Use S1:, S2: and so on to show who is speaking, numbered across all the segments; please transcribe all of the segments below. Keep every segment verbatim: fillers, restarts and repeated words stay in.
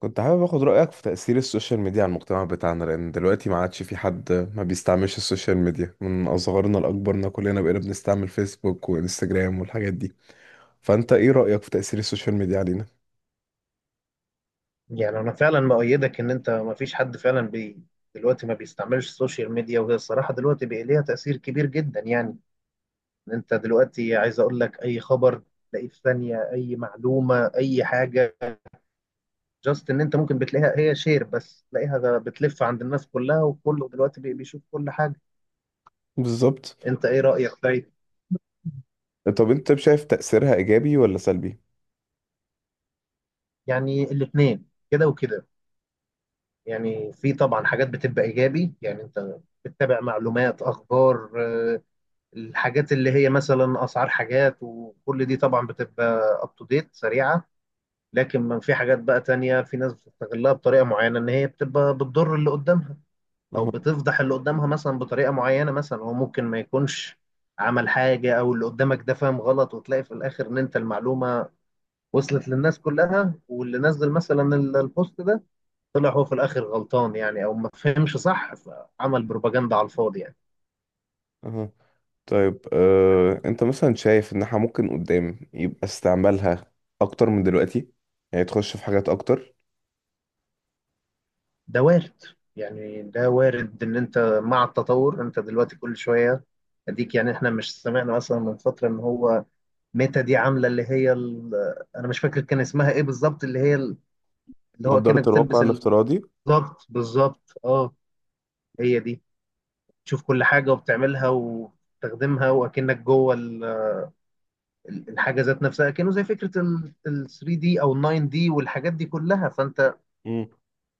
S1: كنت حابب اخد رأيك في تأثير السوشيال ميديا على المجتمع بتاعنا، لأن دلوقتي ما عادش في حد ما بيستعملش السوشيال ميديا، من أصغرنا لأكبرنا كلنا بقينا بنستعمل فيسبوك وانستجرام والحاجات دي. فأنت إيه رأيك في تأثير السوشيال ميديا علينا؟
S2: يعني انا فعلا بأيدك ان انت ما فيش حد فعلا بي دلوقتي ما بيستعملش السوشيال ميديا، وهي الصراحه دلوقتي بقى ليها تاثير كبير جدا. يعني إن انت دلوقتي عايز اقول لك اي خبر تلاقيه في ثانيه، اي معلومه اي حاجه جاست ان انت ممكن بتلاقيها هي شير بس تلاقيها بتلف عند الناس كلها، وكله دلوقتي بي- بيشوف كل حاجه.
S1: بالظبط.
S2: انت ايه رايك طيب؟
S1: طب أنت شايف تأثيرها إيجابي ولا سلبي؟
S2: يعني الاثنين كده وكده. يعني في طبعا حاجات بتبقى ايجابي، يعني انت بتتابع معلومات اخبار، آه، الحاجات اللي هي مثلا اسعار حاجات وكل دي طبعا بتبقى اب تو ديت سريعه. لكن من في حاجات بقى تانية، في ناس بتستغلها بطريقه معينه ان هي بتبقى بتضر اللي قدامها، او
S1: أها.
S2: بتفضح اللي قدامها مثلا بطريقه معينه. مثلا هو ممكن ما يكونش عمل حاجه، او اللي قدامك ده فاهم غلط، وتلاقي في الاخر ان انت المعلومه وصلت للناس كلها، واللي نزل مثلا ال- البوست ده طلع هو في الاخر غلطان، يعني او ما فهمش صح فعمل بروباجندا على الفاضي يعني.
S1: أها. طيب، أه... أنت مثلا شايف إن إحنا ممكن قدام يبقى استعمالها أكتر من دلوقتي، يعني تخش في حاجات أكتر.
S2: ده وارد. يعني ده وارد ان انت مع التطور انت دلوقتي كل شويه اديك. يعني احنا مش سمعنا مثلا من فتره ان هو ميتا دي عامله اللي هي ال، انا مش فاكر كان اسمها ايه بالظبط، اللي هي ال- اللي هو
S1: نظارة
S2: كأنك
S1: الواقع
S2: بتلبس ال-
S1: الافتراضي.
S2: بالظبط بالظبط، اه، هي دي. تشوف كل حاجه وبتعملها وتخدمها واكنك جوه ال، ال- الحاجه ذات نفسها، كأنه زي فكره ال ال تلاتة دي او ال ناين دي والحاجات دي كلها. فانت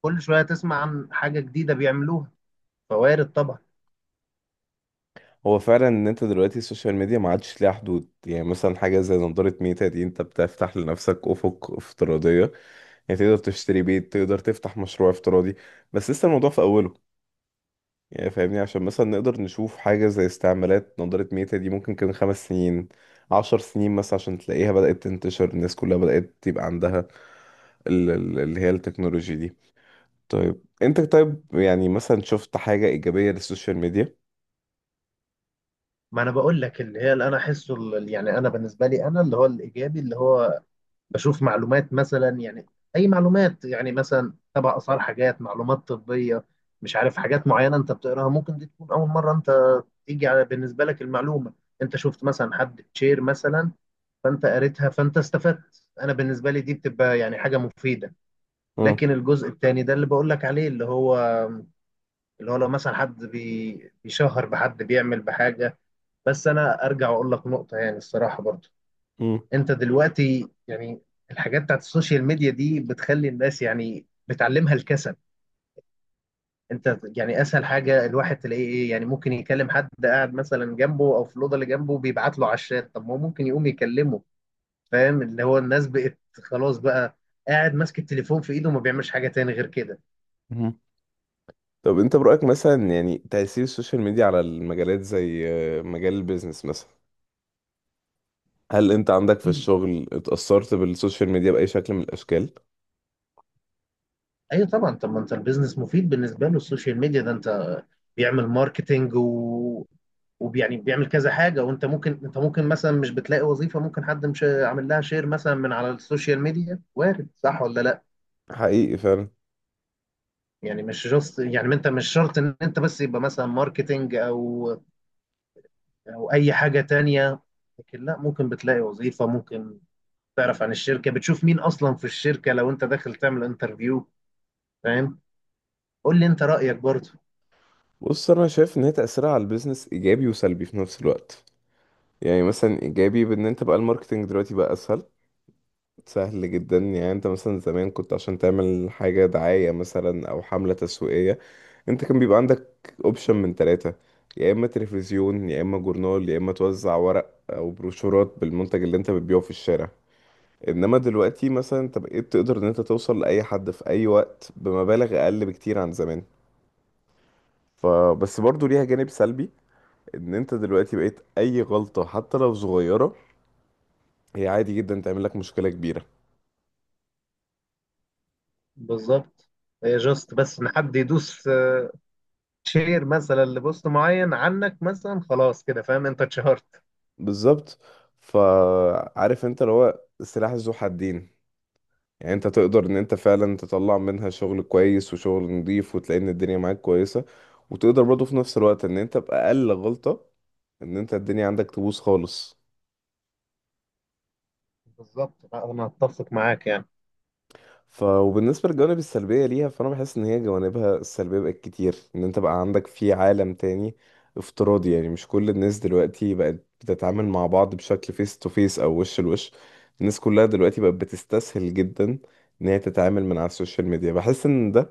S2: كل شويه تسمع عن حاجه جديده بيعملوها، فوارد طبعا.
S1: هو فعلا ان انت دلوقتي السوشيال ميديا ما عادش ليها حدود، يعني مثلا حاجه زي نضاره ميتا دي انت بتفتح لنفسك افق افتراضيه. يعني تقدر تشتري بيت، تقدر تفتح مشروع افتراضي. بس لسه الموضوع في اوله. يعني فاهمني، عشان مثلا نقدر نشوف حاجه زي استعمالات نضاره ميتا دي ممكن كمان خمس سنين، عشر سنين مثلا، عشان تلاقيها بدأت تنتشر، الناس كلها بدأت يبقى عندها ال- ال- اللي هي التكنولوجي دي. طيب انت، طيب، يعني مثلا شفت حاجة إيجابية للسوشيال ميديا؟
S2: ما انا بقول لك اللي هي اللي انا احسه ال، يعني انا بالنسبه لي انا اللي هو الايجابي، اللي هو بشوف معلومات مثلا يعني. اي معلومات يعني مثلا تبع اسعار حاجات، معلومات طبيه، مش عارف حاجات معينه انت بتقراها، ممكن دي تكون اول مره انت تيجي على بالنسبه لك المعلومه. انت شفت مثلا حد شير مثلا، فانت قريتها فانت استفدت. انا بالنسبه لي دي بتبقى يعني حاجه مفيده.
S1: مم.
S2: لكن الجزء الثاني ده اللي بقول لك عليه، اللي هو اللي هو لو مثلا حد بي- بيشهر بحد، بيعمل بحاجه. بس انا ارجع واقول لك نقطه يعني الصراحه برضو، انت دلوقتي يعني الحاجات بتاعت السوشيال ميديا دي بتخلي الناس يعني بتعلمها الكسل. انت يعني اسهل حاجه الواحد تلاقيه ايه، يعني ممكن يكلم حد قاعد مثلا جنبه او في الاوضه اللي جنبه، بيبعت له على الشات. طب ما هو ممكن يقوم يكلمه. فاهم؟ اللي هو الناس بقت خلاص بقى قاعد ماسك التليفون في ايده وما بيعملش حاجه تاني غير كده.
S1: مم. طب انت برأيك مثلا، يعني تأثير السوشيال ميديا على المجالات زي آه، مجال البيزنس مثلا، هل انت عندك في الشغل اتأثرت بالسوشيال ميديا بأي شكل من الأشكال؟
S2: ايوه طبعا. طب ما انت البيزنس مفيد بالنسبه له السوشيال ميديا ده. انت بيعمل ماركتينج و، ويعني بيعمل كذا حاجه. وانت ممكن، انت ممكن مثلا مش بتلاقي وظيفه، ممكن حد مش عامل لها شير مثلا من على السوشيال ميديا، وارد صح ولا لا.
S1: حقيقي فعلا.
S2: يعني مش جاست، يعني انت مش شرط ان انت بس يبقى مثلا ماركتينج او او اي حاجه تانية. لكن لا، ممكن بتلاقي وظيفه، ممكن تعرف عن الشركه، بتشوف مين اصلا في الشركه لو انت داخل تعمل انترفيو. فاهم؟ قول لي انت رايك برضه.
S1: بص، انا شايف ان هي تأثيرها على البيزنس ايجابي وسلبي في نفس الوقت. يعني مثلا ايجابي بان انت بقى الماركتنج دلوقتي بقى اسهل، سهل جدا. يعني انت مثلا زمان، كنت عشان تعمل حاجة دعاية مثلا او حملة تسويقية، انت كان بيبقى عندك اوبشن من ثلاثة: يا اما تلفزيون، يا اما جورنال، يا اما توزع ورق او بروشورات بالمنتج اللي انت بتبيعه في الشارع. انما دلوقتي مثلا انت بقيت تقدر ان انت توصل لاي حد في اي وقت بمبالغ اقل بكتير عن زمان. فبس برضو ليها جانب سلبي، ان انت دلوقتي بقيت اي غلطة حتى لو صغيرة هي عادي جدا تعمل لك مشكلة كبيرة.
S2: بالظبط. هي جاست بس ان حد يدوس، آه، شير مثلا لبوست معين عنك مثلا، خلاص كده فاهم انت اتشهرت.
S1: بالظبط. فعارف انت اللي هو سلاح ذو حدين، يعني انت تقدر ان انت فعلا تطلع منها شغل كويس وشغل نظيف وتلاقي ان الدنيا معاك كويسة، وتقدر برضه في نفس الوقت ان انت بأقل غلطة ان انت الدنيا عندك تبوظ خالص.
S2: بالظبط. لا، انا اتفق معاك يعني.
S1: ف وبالنسبة للجوانب السلبية ليها، فأنا بحس إن هي جوانبها السلبية بقت كتير، إن أنت بقى عندك في عالم تاني افتراضي. يعني مش كل الناس دلوقتي بقت بتتعامل مع بعض بشكل فيس تو فيس أو وش لوش، الناس كلها دلوقتي بقت بتستسهل جدا إن هي تتعامل من على السوشيال ميديا. بحس إن ده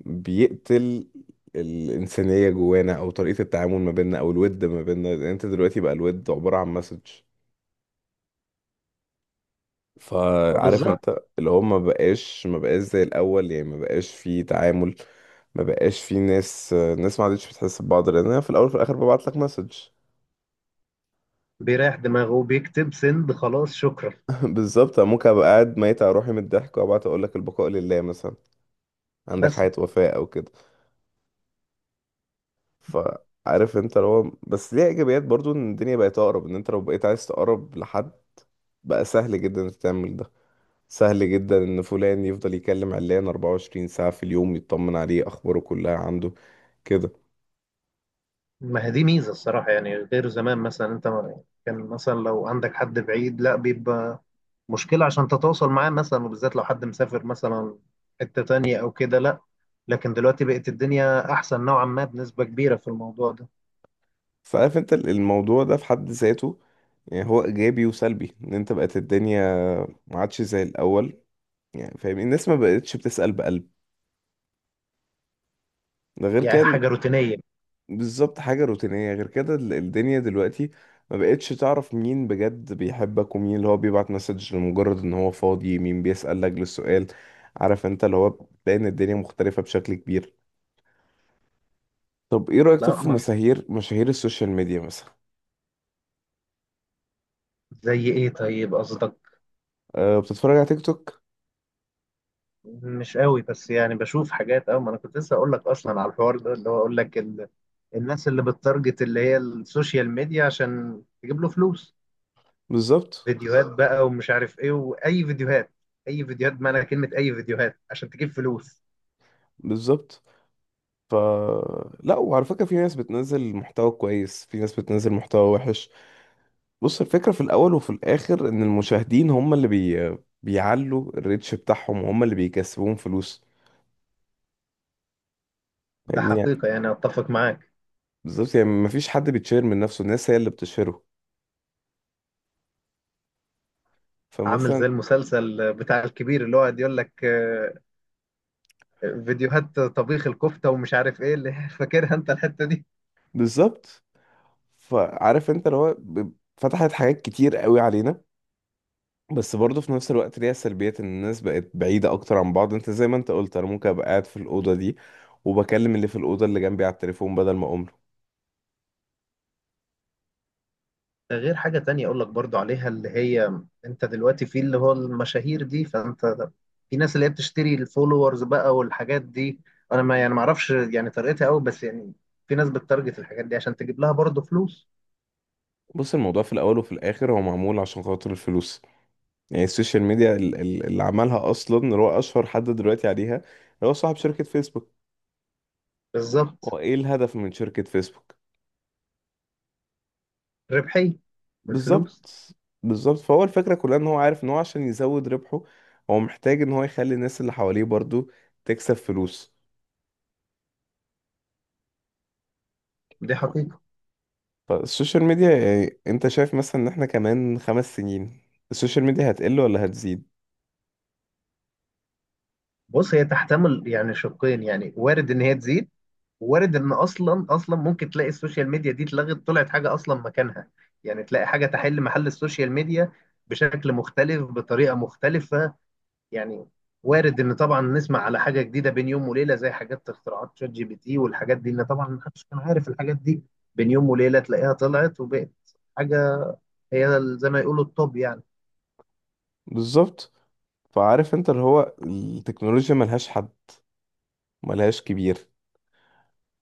S1: بيقتل الإنسانية جوانا، أو طريقة التعامل ما بيننا، أو الود ما بيننا، لأن أنت دلوقتي بقى الود عبارة عن مسج. فعارف
S2: بالظبط.
S1: انت اللي هو ما بقاش ما بقاش زي الاول، يعني ما بقاش في تعامل، ما بقاش في ناس، الناس ما عادتش بتحس ببعض، لان انا في الاول وفي الاخر ببعت لك مسج.
S2: بيريح دماغه وبيكتب سند خلاص شكرا.
S1: بالظبط. أنا ممكن ابقى قاعد ميت على روحي من الضحك وابعت اقول لك البقاء لله مثلا، عندك
S2: مثلا.
S1: حياة وفاء او كده. فعارف انت اللي هو بس ليها ايجابيات برضو، ان الدنيا بقت اقرب، ان انت لو بقيت عايز تقرب لحد بقى سهل جدا انك تعمل ده. سهل جدا ان فلان يفضل يكلم علان اربعة وعشرين ساعة في اليوم، يطمن عليه، اخباره كلها عنده كده.
S2: ما هي دي ميزه الصراحه، يعني غير زمان مثلا انت ما- كان مثلا لو عندك حد بعيد لا بيبقى مشكله عشان تتواصل معاه مثلا، وبالذات لو حد مسافر مثلا حته تانية او كده، لا. لكن دلوقتي بقت الدنيا احسن نوعا ما بنسبه كبيره في الموضوع ده.
S1: فعارف انت ال- الموضوع ده في حد ذاته، يعني هو ايجابي وسلبي، ان انت بقت الدنيا ما عادش زي الاول. يعني فاهم، الناس ما بقتش بتسأل بقلب، ده غير
S2: يعني
S1: كان.
S2: حاجه روتينيه.
S1: بالظبط، حاجة روتينية. غير كده ال- الدنيا دلوقتي ما بقتش تعرف مين بجد بيحبك ومين اللي هو بيبعت مسج لمجرد ان هو فاضي، مين بيسأل لجل السؤال. عارف انت اللي هو بتلاقي ان الدنيا مختلفة بشكل كبير. طب ايه رأيك، طب
S2: لا
S1: في
S2: ما.
S1: مشاهير مشاهير السوشيال ميديا مثلا؟
S2: زي ايه طيب قصدك؟
S1: أه، بتتفرج على تيك توك؟
S2: مش قوي، بس يعني بشوف حاجات. اه، ما انا كنت لسه اقول لك اصلا على الحوار ده، اللي هو اقول لك ال، الناس اللي بتتارجت اللي هي السوشيال ميديا عشان تجيب له فلوس،
S1: بالظبط.
S2: فيديوهات بقى ومش عارف ايه، واي فيديوهات. اي فيديوهات بمعنى كلمة اي فيديوهات عشان تجيب فلوس.
S1: بالظبط. ف لا، وعلى فكرة، في ناس بتنزل محتوى كويس، في ناس بتنزل محتوى وحش. بص، الفكرة في الأول وفي الآخر إن المشاهدين هم اللي بي... بيعلوا الريتش بتاعهم، وهم اللي بيكسبوهم فلوس.
S2: ده
S1: فاهمني يعني.
S2: حقيقة، يعني اتفق معاك.
S1: بالظبط، يعني مفيش حد بيتشهر من نفسه، الناس هي اللي بتشهره.
S2: عامل
S1: فمثلا،
S2: زي المسلسل بتاع الكبير اللي هو قاعد يقول لك، آه، فيديوهات طبيخ الكفتة ومش عارف ايه اللي فاكرها انت الحتة دي.
S1: بالظبط. فعارف انت اللي هو ب- فتحت حاجات كتير قوي علينا، بس برضه في نفس الوقت ليها سلبيات، ان الناس بقت بعيدة اكتر عن بعض. انت زي ما انت قلت، انا ممكن ابقى قاعد في الأوضة دي وبكلم اللي في الأوضة اللي جنبي على التليفون بدل ما أقوم.
S2: ده غير حاجة تانية أقول لك برضو عليها، اللي هي أنت دلوقتي في اللي هو المشاهير دي، فأنت في ناس اللي هي بتشتري الفولورز بقى والحاجات دي. أنا ما يعني ما أعرفش يعني طريقتها أوي، بس يعني في ناس بتتارجت الحاجات دي عشان تجيب لها برضو فلوس.
S1: بص، الموضوع في الاول وفي الاخر هو معمول عشان خاطر الفلوس. يعني السوشيال ميديا ال- ال- اللي عملها اصلا، اللي هو اشهر حد دلوقتي عليها، اللي هو صاحب شركة فيسبوك،
S2: بالظبط.
S1: هو ايه الهدف من شركة فيسبوك؟
S2: ربحية. والفلوس.
S1: بالظبط. بالظبط. فهو الفكرة كلها ان هو عارف ان هو عشان يزود ربحه، هو محتاج ان هو يخلي الناس اللي حواليه برضو تكسب فلوس.
S2: دي حقيقة.
S1: فالسوشيال ميديا، يعني انت شايف مثلا ان احنا كمان خمس سنين السوشيال ميديا هتقل ولا هتزيد؟
S2: بص، هي تحتمل يعني شقين. يعني وارد إن هي تزيد، وارد إن أصلا أصلا ممكن تلاقي السوشيال ميديا دي اتلغت، طلعت حاجة أصلا مكانها. يعني تلاقي حاجة تحل محل السوشيال ميديا بشكل مختلف بطريقة مختلفة. يعني وارد ان طبعا نسمع على حاجه جديده بين يوم وليله، زي حاجات اختراعات شات جي بي تي والحاجات دي، ان طبعا ما حدش كان عارف الحاجات دي. بين يوم وليله تلاقيها طلعت وبقت حاجه هي زي ما يقولوا الطب يعني.
S1: بالظبط. فعارف انت اللي هو التكنولوجيا ملهاش حد، ملهاش كبير.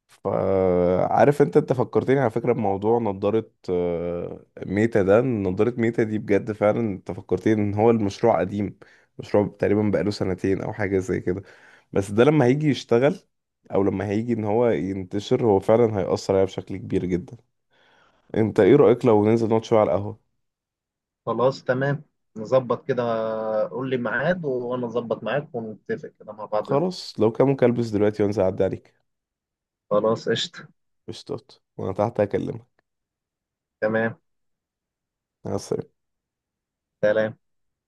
S1: فعارف انت، انت فكرتني على فكرة بموضوع نضارة آه، ميتا ده. نضارة ميتا دي بجد فعلا انت فكرتني ان هو المشروع قديم، مشروع تقريبا بقاله سنتين او حاجة زي كده، بس ده لما هيجي يشتغل، او لما هيجي ان هو ينتشر، هو فعلا هيأثر عليها بشكل كبير جدا. انت ايه رأيك لو ننزل نقعد شوية على القهوة؟
S2: خلاص تمام. نظبط كده. قول لي ميعاد وانا اظبط معاك ونتفق كده مع بعض.
S1: خلاص، لو كان ممكن البس دلوقتي وانزل اعدي عليك.
S2: خلاص قشطه.
S1: قشطات، وانا تحت هكلمك.
S2: تمام.
S1: مع السلامة.
S2: سلام.